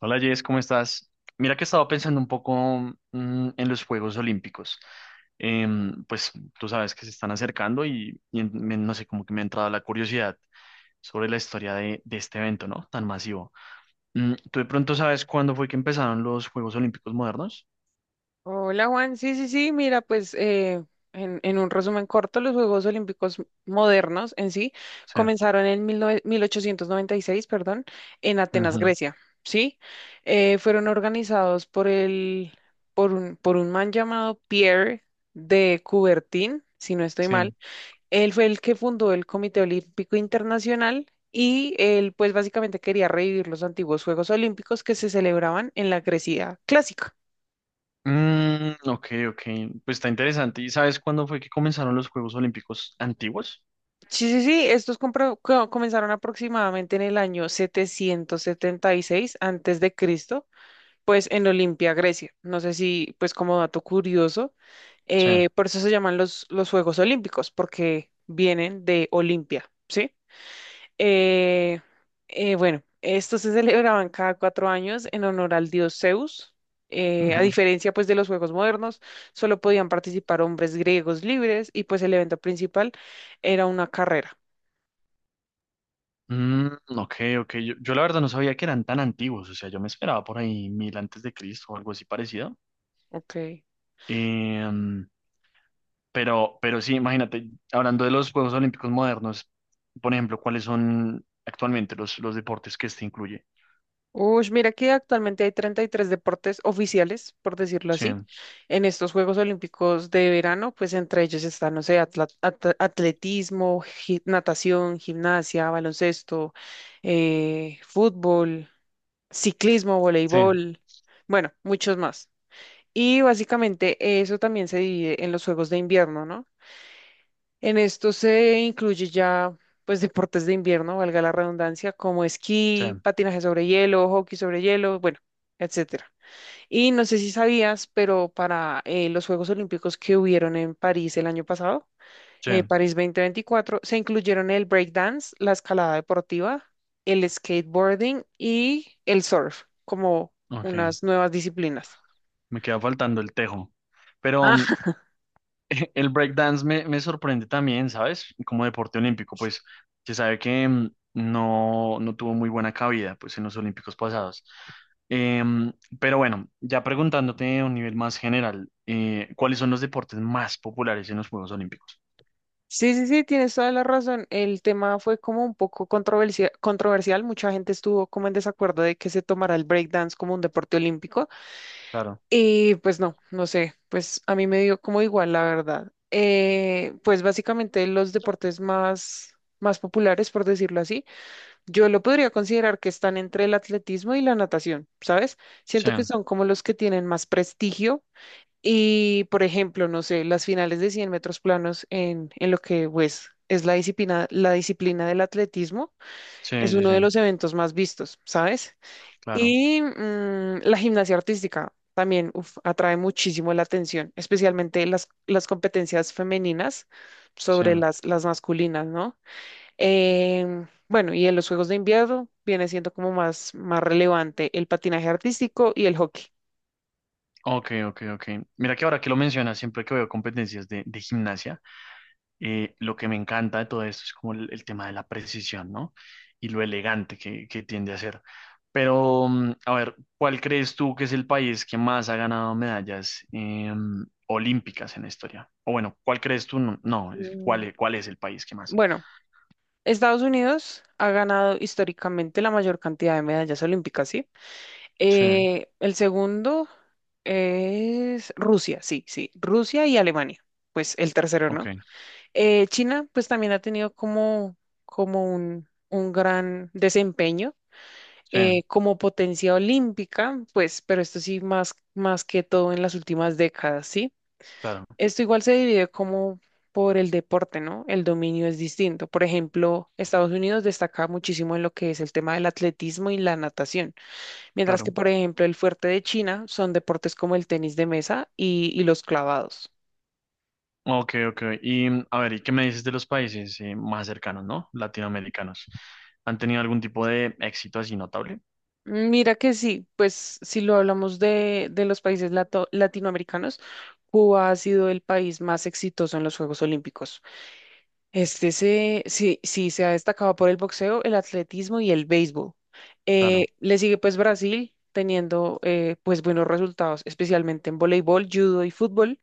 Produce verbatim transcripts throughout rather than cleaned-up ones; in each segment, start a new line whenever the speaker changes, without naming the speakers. Hola Jess, ¿cómo estás? Mira que estaba pensando un poco mm, en los Juegos Olímpicos. Em, pues tú sabes que se están acercando y, y en- me- no sé, como que me ha entrado la curiosidad sobre la historia de, de este evento, ¿no? Tan masivo. Mm, ¿tú de pronto sabes cuándo fue que empezaron los Juegos Olímpicos modernos?
Hola Juan, sí, sí, sí, mira, pues eh, en, en un resumen corto, los Juegos Olímpicos modernos en sí
Sí.
comenzaron en mil mil nove mil ochocientos noventa y seis, perdón, en Atenas,
Ujú,
Grecia, ¿sí? Eh, fueron organizados por el, por un, por un man llamado Pierre de Coubertin, si no estoy mal.
sí.
Él fue el que fundó el Comité Olímpico Internacional y él pues básicamente quería revivir los antiguos Juegos Olímpicos que se celebraban en la Grecia clásica.
Mm, ok, ok. Pues está interesante. ¿Y sabes cuándo fue que comenzaron los Juegos Olímpicos antiguos?
Sí, sí, sí, estos compro- co- comenzaron aproximadamente en el año setecientos setenta y seis antes de Cristo, pues en Olimpia, Grecia. No sé si, pues como dato curioso,
Sí.
eh, por eso se llaman los, los Juegos Olímpicos, porque vienen de Olimpia, ¿sí? Eh, eh, bueno, estos se celebraban cada cuatro años en honor al dios Zeus. Eh, a diferencia pues de los Juegos modernos, solo podían participar hombres griegos libres y pues el evento principal era una carrera.
Mm, ok, ok. Yo, yo la verdad no sabía que eran tan antiguos. O sea, yo me esperaba por ahí mil antes de Cristo o algo así parecido.
Ok.
Em, pero, pero sí, imagínate, hablando de los Juegos Olímpicos modernos, por ejemplo, ¿cuáles son actualmente los, los deportes que este incluye?
Uy, mira que actualmente hay treinta y tres deportes oficiales, por decirlo
Sí,
así, en estos Juegos Olímpicos de verano, pues entre ellos están, no sé, atla- at- atletismo, gi- natación, gimnasia, baloncesto, eh, fútbol, ciclismo,
sí,
voleibol, bueno, muchos más. Y básicamente eso también se divide en los Juegos de Invierno, ¿no? En esto se incluye ya, pues, deportes de invierno, valga la redundancia, como
sí,
esquí, patinaje sobre hielo, hockey sobre hielo, bueno, etcétera. Y no sé si sabías, pero para eh, los Juegos Olímpicos que hubieron en París el año pasado,
sí.
eh, París dos mil veinticuatro, se incluyeron el breakdance, la escalada deportiva, el skateboarding y el surf como
Ok,
unas nuevas disciplinas.
me queda faltando el tejo. Pero, el breakdance me, me sorprende también, ¿sabes? Como deporte olímpico, pues se sabe que mm, no, no tuvo muy buena cabida pues, en los olímpicos pasados. Em, pero bueno, ya preguntándote a un nivel más general, eh, ¿cuáles son los deportes más populares en los Juegos Olímpicos?
Sí, sí, sí, tienes toda la razón. El tema fue como un poco controversia- controversial. Mucha gente estuvo como en desacuerdo de que se tomara el breakdance como un deporte olímpico.
Claro,
Y pues no, no sé, pues a mí me dio como igual, la verdad. Eh, pues básicamente los deportes más, más populares, por decirlo así, yo lo podría considerar que están entre el atletismo y la natación, ¿sabes?
sí,
Siento que son como los que tienen más prestigio y, por ejemplo, no sé, las finales de cien metros planos en, en lo que pues, es la disciplina, la disciplina del atletismo, es
sí, sí,
uno
sí,
de los eventos más vistos, ¿sabes?
claro,
Y mm, la gimnasia artística también uf, atrae muchísimo la atención, especialmente las, las competencias femeninas
sí.
sobre las, las masculinas, ¿no? Em, bueno, y en los Juegos de Invierno viene siendo como más, más relevante el patinaje artístico y el hockey.
Ok, ok, ok. Mira que ahora que lo mencionas, siempre que veo competencias de, de gimnasia, Eh, lo que me encanta de todo esto es como el, el tema de la precisión, ¿no? Y lo elegante que, que tiende a ser. Pero, mm, a ver, ¿cuál crees tú que es el país que más ha ganado medallas eh, olímpicas en la historia? O bueno, ¿cuál crees tú? No, no, es- ¿cuál,
Mm,
es- cuál es el país que más?
Bueno, Estados Unidos ha ganado históricamente la mayor cantidad de medallas olímpicas, ¿sí?
Sí,
Eh, el segundo es Rusia, sí, sí, Rusia y Alemania, pues el tercero,
ok,
¿no? Eh, China, pues también ha tenido como, como un, un gran desempeño.
sí,
Eh, como potencia olímpica, pues, pero esto sí más, más que todo en las últimas décadas, ¿sí?
claro,
Esto igual se divide como por el deporte, ¿no? El dominio es distinto. Por ejemplo, Estados Unidos destaca muchísimo en lo que es el tema del atletismo y la natación, mientras que,
claro.
por ejemplo, el fuerte de China son deportes como el tenis de mesa y, y los clavados.
Ok, ok. Y mm, a ver, ¿y qué me dices de los países eh, más cercanos, ¿no? Latinoamericanos. ¿Han tenido algún tipo de éxito así notable?
Mira que sí, pues si lo hablamos de, de los países lato- latinoamericanos, Cuba ha sido el país más exitoso en los Juegos Olímpicos. Este se, sí, sí, se ha destacado por el boxeo, el atletismo y el béisbol. Eh,
Claro.
le sigue pues Brasil teniendo eh, pues buenos resultados, especialmente en voleibol, judo y fútbol.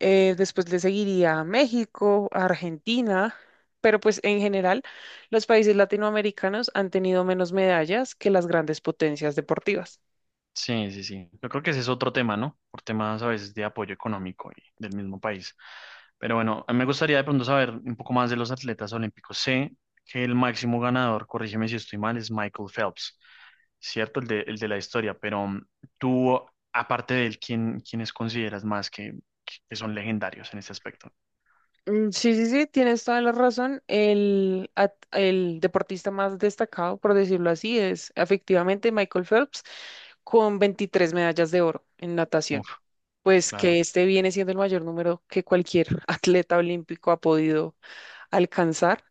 Eh, después le seguiría a México, a Argentina, pero pues en general los países latinoamericanos han tenido menos medallas que las grandes potencias deportivas.
Sí, sí, sí. Yo creo que ese es otro tema, ¿no? Por temas a veces de apoyo económico y del mismo país. Pero bueno, a mí me gustaría de pronto saber un poco más de los atletas olímpicos. Sé que el máximo ganador, corrígeme si estoy mal, es Michael Phelps, ¿cierto? El de, el de la historia. Pero mm, tú, aparte de él, ¿quién, quiénes consideras más que, que son legendarios en este aspecto?
Mm, sí, sí, sí, tienes toda la razón. El, at- el deportista más destacado, por decirlo así, es efectivamente Michael Phelps con veintitrés medallas de oro en natación.
Uf,
Pues
claro.
que este viene siendo el mayor número que cualquier atleta olímpico ha podido alcanzar.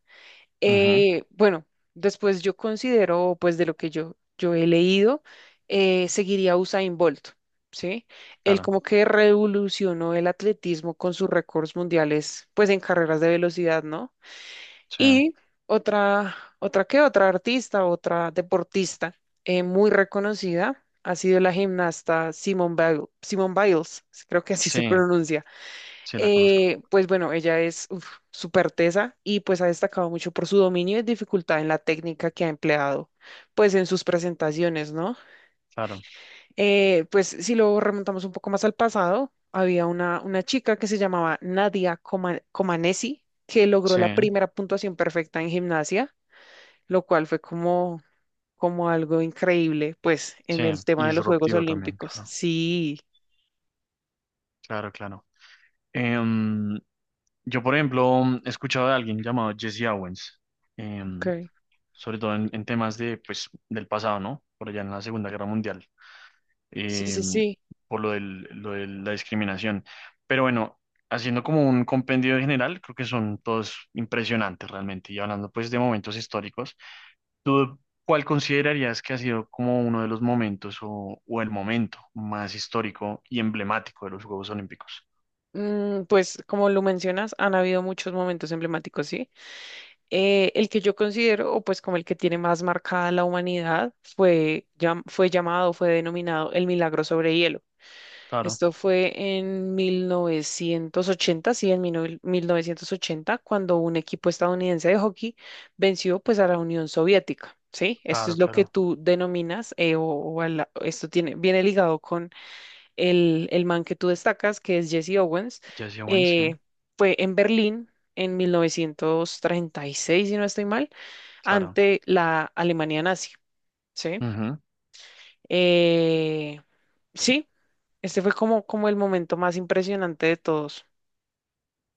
Ujú,
Eh, bueno, después yo considero, pues de lo que yo, yo he leído, eh, seguiría a Usain Bolt, ¿sí? Él
claro.
como que revolucionó el atletismo con sus récords mundiales, pues en carreras de velocidad, ¿no?
Sí,
Y otra, otra que otra artista, otra deportista eh, muy reconocida ha sido la gimnasta Simone Biles, Simone Biles, creo que así se
sí,
pronuncia.
sí, la conozco.
Eh, pues bueno, ella es uf, súper tesa y pues ha destacado mucho por su dominio y dificultad en la técnica que ha empleado pues en sus presentaciones, ¿no?
Claro.
Eh, pues si lo remontamos un poco más al pasado, había una, una chica que se llamaba Nadia Coma- Comaneci que logró la
Sí,
primera puntuación perfecta en gimnasia, lo cual fue como, como algo increíble pues
sí.
en el
Y
tema de los Juegos
disruptivo también,
Olímpicos.
claro.
Sí,
Claro, claro. Em, yo, por ejemplo, he escuchado de alguien llamado Jesse Owens, em,
ok.
sobre todo en, en temas de, pues, del pasado, ¿no? Por allá en la Segunda Guerra Mundial,
Sí, sí,
em,
sí.
por lo del- lo de la discriminación. Pero bueno, haciendo como un compendio general, creo que son todos impresionantes realmente. Y hablando pues de momentos históricos, ¿tú cuál considerarías que ha sido como uno de los momentos o, o el momento más histórico y emblemático de los Juegos Olímpicos?
Mm, Pues como lo mencionas, han habido muchos momentos emblemáticos, ¿sí? Eh, el que yo considero, o pues como el que tiene más marcada la humanidad, fue, llam- fue llamado, fue denominado el milagro sobre hielo.
Claro.
Esto fue en mil novecientos ochenta, sí, en mil- nove- mil novecientos ochenta, cuando un equipo estadounidense de hockey venció pues a la Unión Soviética, ¿sí? Esto
Claro,
es lo que
claro.
tú denominas, eh, o, o a la- esto tiene, viene ligado el, el man que tú destacas, que es Jesse Owens,
Jesse Owens, sí.
eh, fue en Berlín en mil novecientos treinta y seis, si no estoy mal,
Claro.
ante la Alemania nazi, ¿sí?
Ujú.
Eh, sí, este fue como, como el momento más impresionante de todos.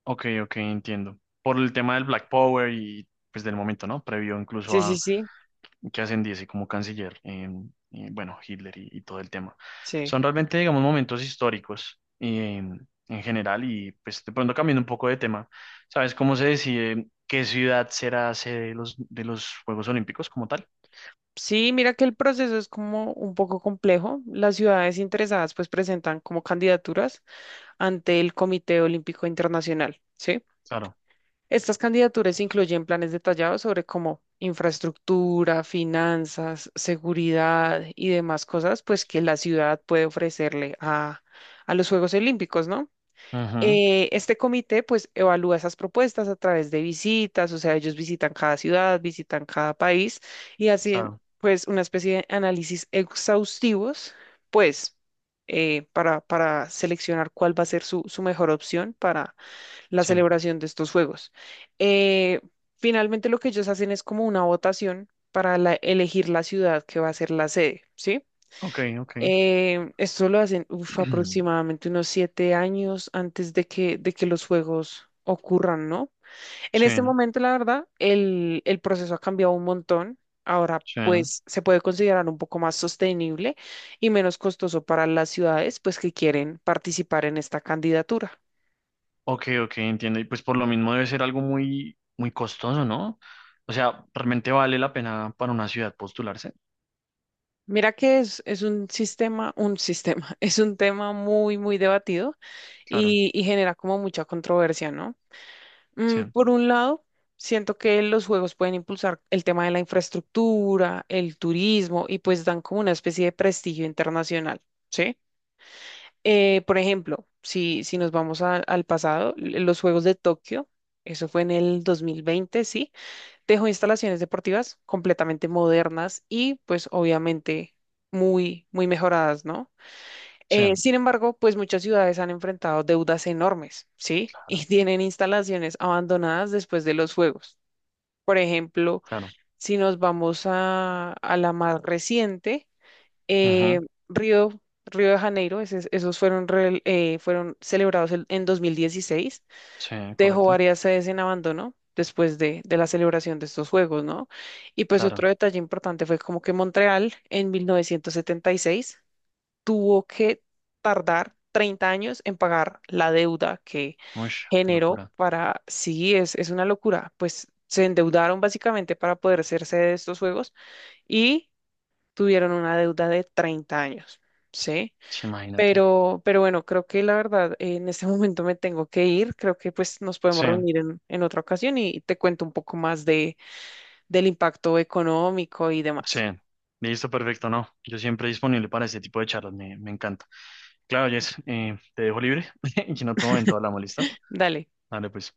Ok, ok, entiendo. Por el tema del Black Power y pues del momento, ¿no? Previo incluso
Sí, sí,
a
sí,
que ascendiese como canciller, eh, eh, bueno, Hitler y, y todo el tema.
sí.
Son realmente, digamos, momentos históricos eh, en general y pues de pronto cambiando un poco de tema, ¿sabes cómo se decide qué ciudad será sede de los, de los Juegos Olímpicos como tal?
Sí, mira que el proceso es como un poco complejo. Las ciudades interesadas pues presentan como candidaturas ante el Comité Olímpico Internacional, ¿sí?
Claro.
Estas candidaturas incluyen planes detallados sobre cómo infraestructura, finanzas, seguridad y demás cosas, pues que la ciudad puede ofrecerle a, a los Juegos Olímpicos, ¿no?
Ujú,
Eh, este comité pues evalúa esas propuestas a través de visitas, o sea, ellos visitan cada ciudad, visitan cada país y hacen
claro,
pues una especie de análisis exhaustivos, pues eh, para, para seleccionar cuál va a ser su, su mejor opción para la
sí.
celebración de estos juegos. Eh, Finalmente lo que ellos hacen es como una votación para la- elegir la ciudad que va a ser la sede, ¿sí?
Ok, ok.
Eh, esto lo hacen uf, aproximadamente unos siete años antes de que, de que los juegos ocurran, ¿no? En
Sí,
este momento, la verdad, el, el proceso ha cambiado un montón. Ahora,
sí.
pues, se puede considerar un poco más sostenible y menos costoso para las ciudades, pues, que quieren participar en esta candidatura.
Ok, ok, entiendo. Y pues por lo mismo debe ser algo muy, muy costoso, ¿no? O sea, realmente vale la pena para una ciudad postularse.
Mira que es, es un sistema, un sistema, es un tema muy, muy debatido
Claro,
y, y genera como mucha controversia, ¿no?
sí,
Mm, por un lado, siento que los juegos pueden impulsar el tema de la infraestructura, el turismo y pues dan como una especie de prestigio internacional, ¿sí? Eh, por ejemplo, si, si nos vamos a- al pasado, l- los Juegos de Tokio, eso fue en el dos mil veinte, ¿sí? Dejó instalaciones deportivas completamente modernas y pues obviamente muy, muy mejoradas, ¿no?
sí,
Eh, sin embargo, pues muchas ciudades han enfrentado deudas enormes, ¿sí? Y
claro,
tienen instalaciones abandonadas después de los fuegos. Por ejemplo,
claro.
si nos vamos a, a la más reciente, eh,
Ujú,
Río, Río de Janeiro, ese- esos fueron, rel- eh, fueron celebrados el- en dos mil dieciséis,
sí,
dejó
correcto,
varias sedes en abandono después de, de la celebración de estos juegos, ¿no? Y pues
claro.
otro detalle importante fue como que Montreal en mil novecientos setenta y seis tuvo que tardar treinta años en pagar la deuda que
Uy, qué
generó
locura.
para, sí, es, es una locura, pues se endeudaron básicamente para poder hacerse de estos juegos y tuvieron una deuda de treinta años, ¿sí?
Sí, imagínate.
Pero, pero bueno, creo que la verdad, eh, en este momento me tengo que ir. Creo que pues nos podemos
Sí,
reunir en, en otra ocasión y te cuento un poco más de, del impacto económico y
sí.
demás.
Listo, perfecto, no. Yo siempre disponible para este tipo de charlas, me, me encanta. Claro, Jess, eh, te dejo libre y en otro momento hablamos, ¿listo?
Dale.
Dale, pues.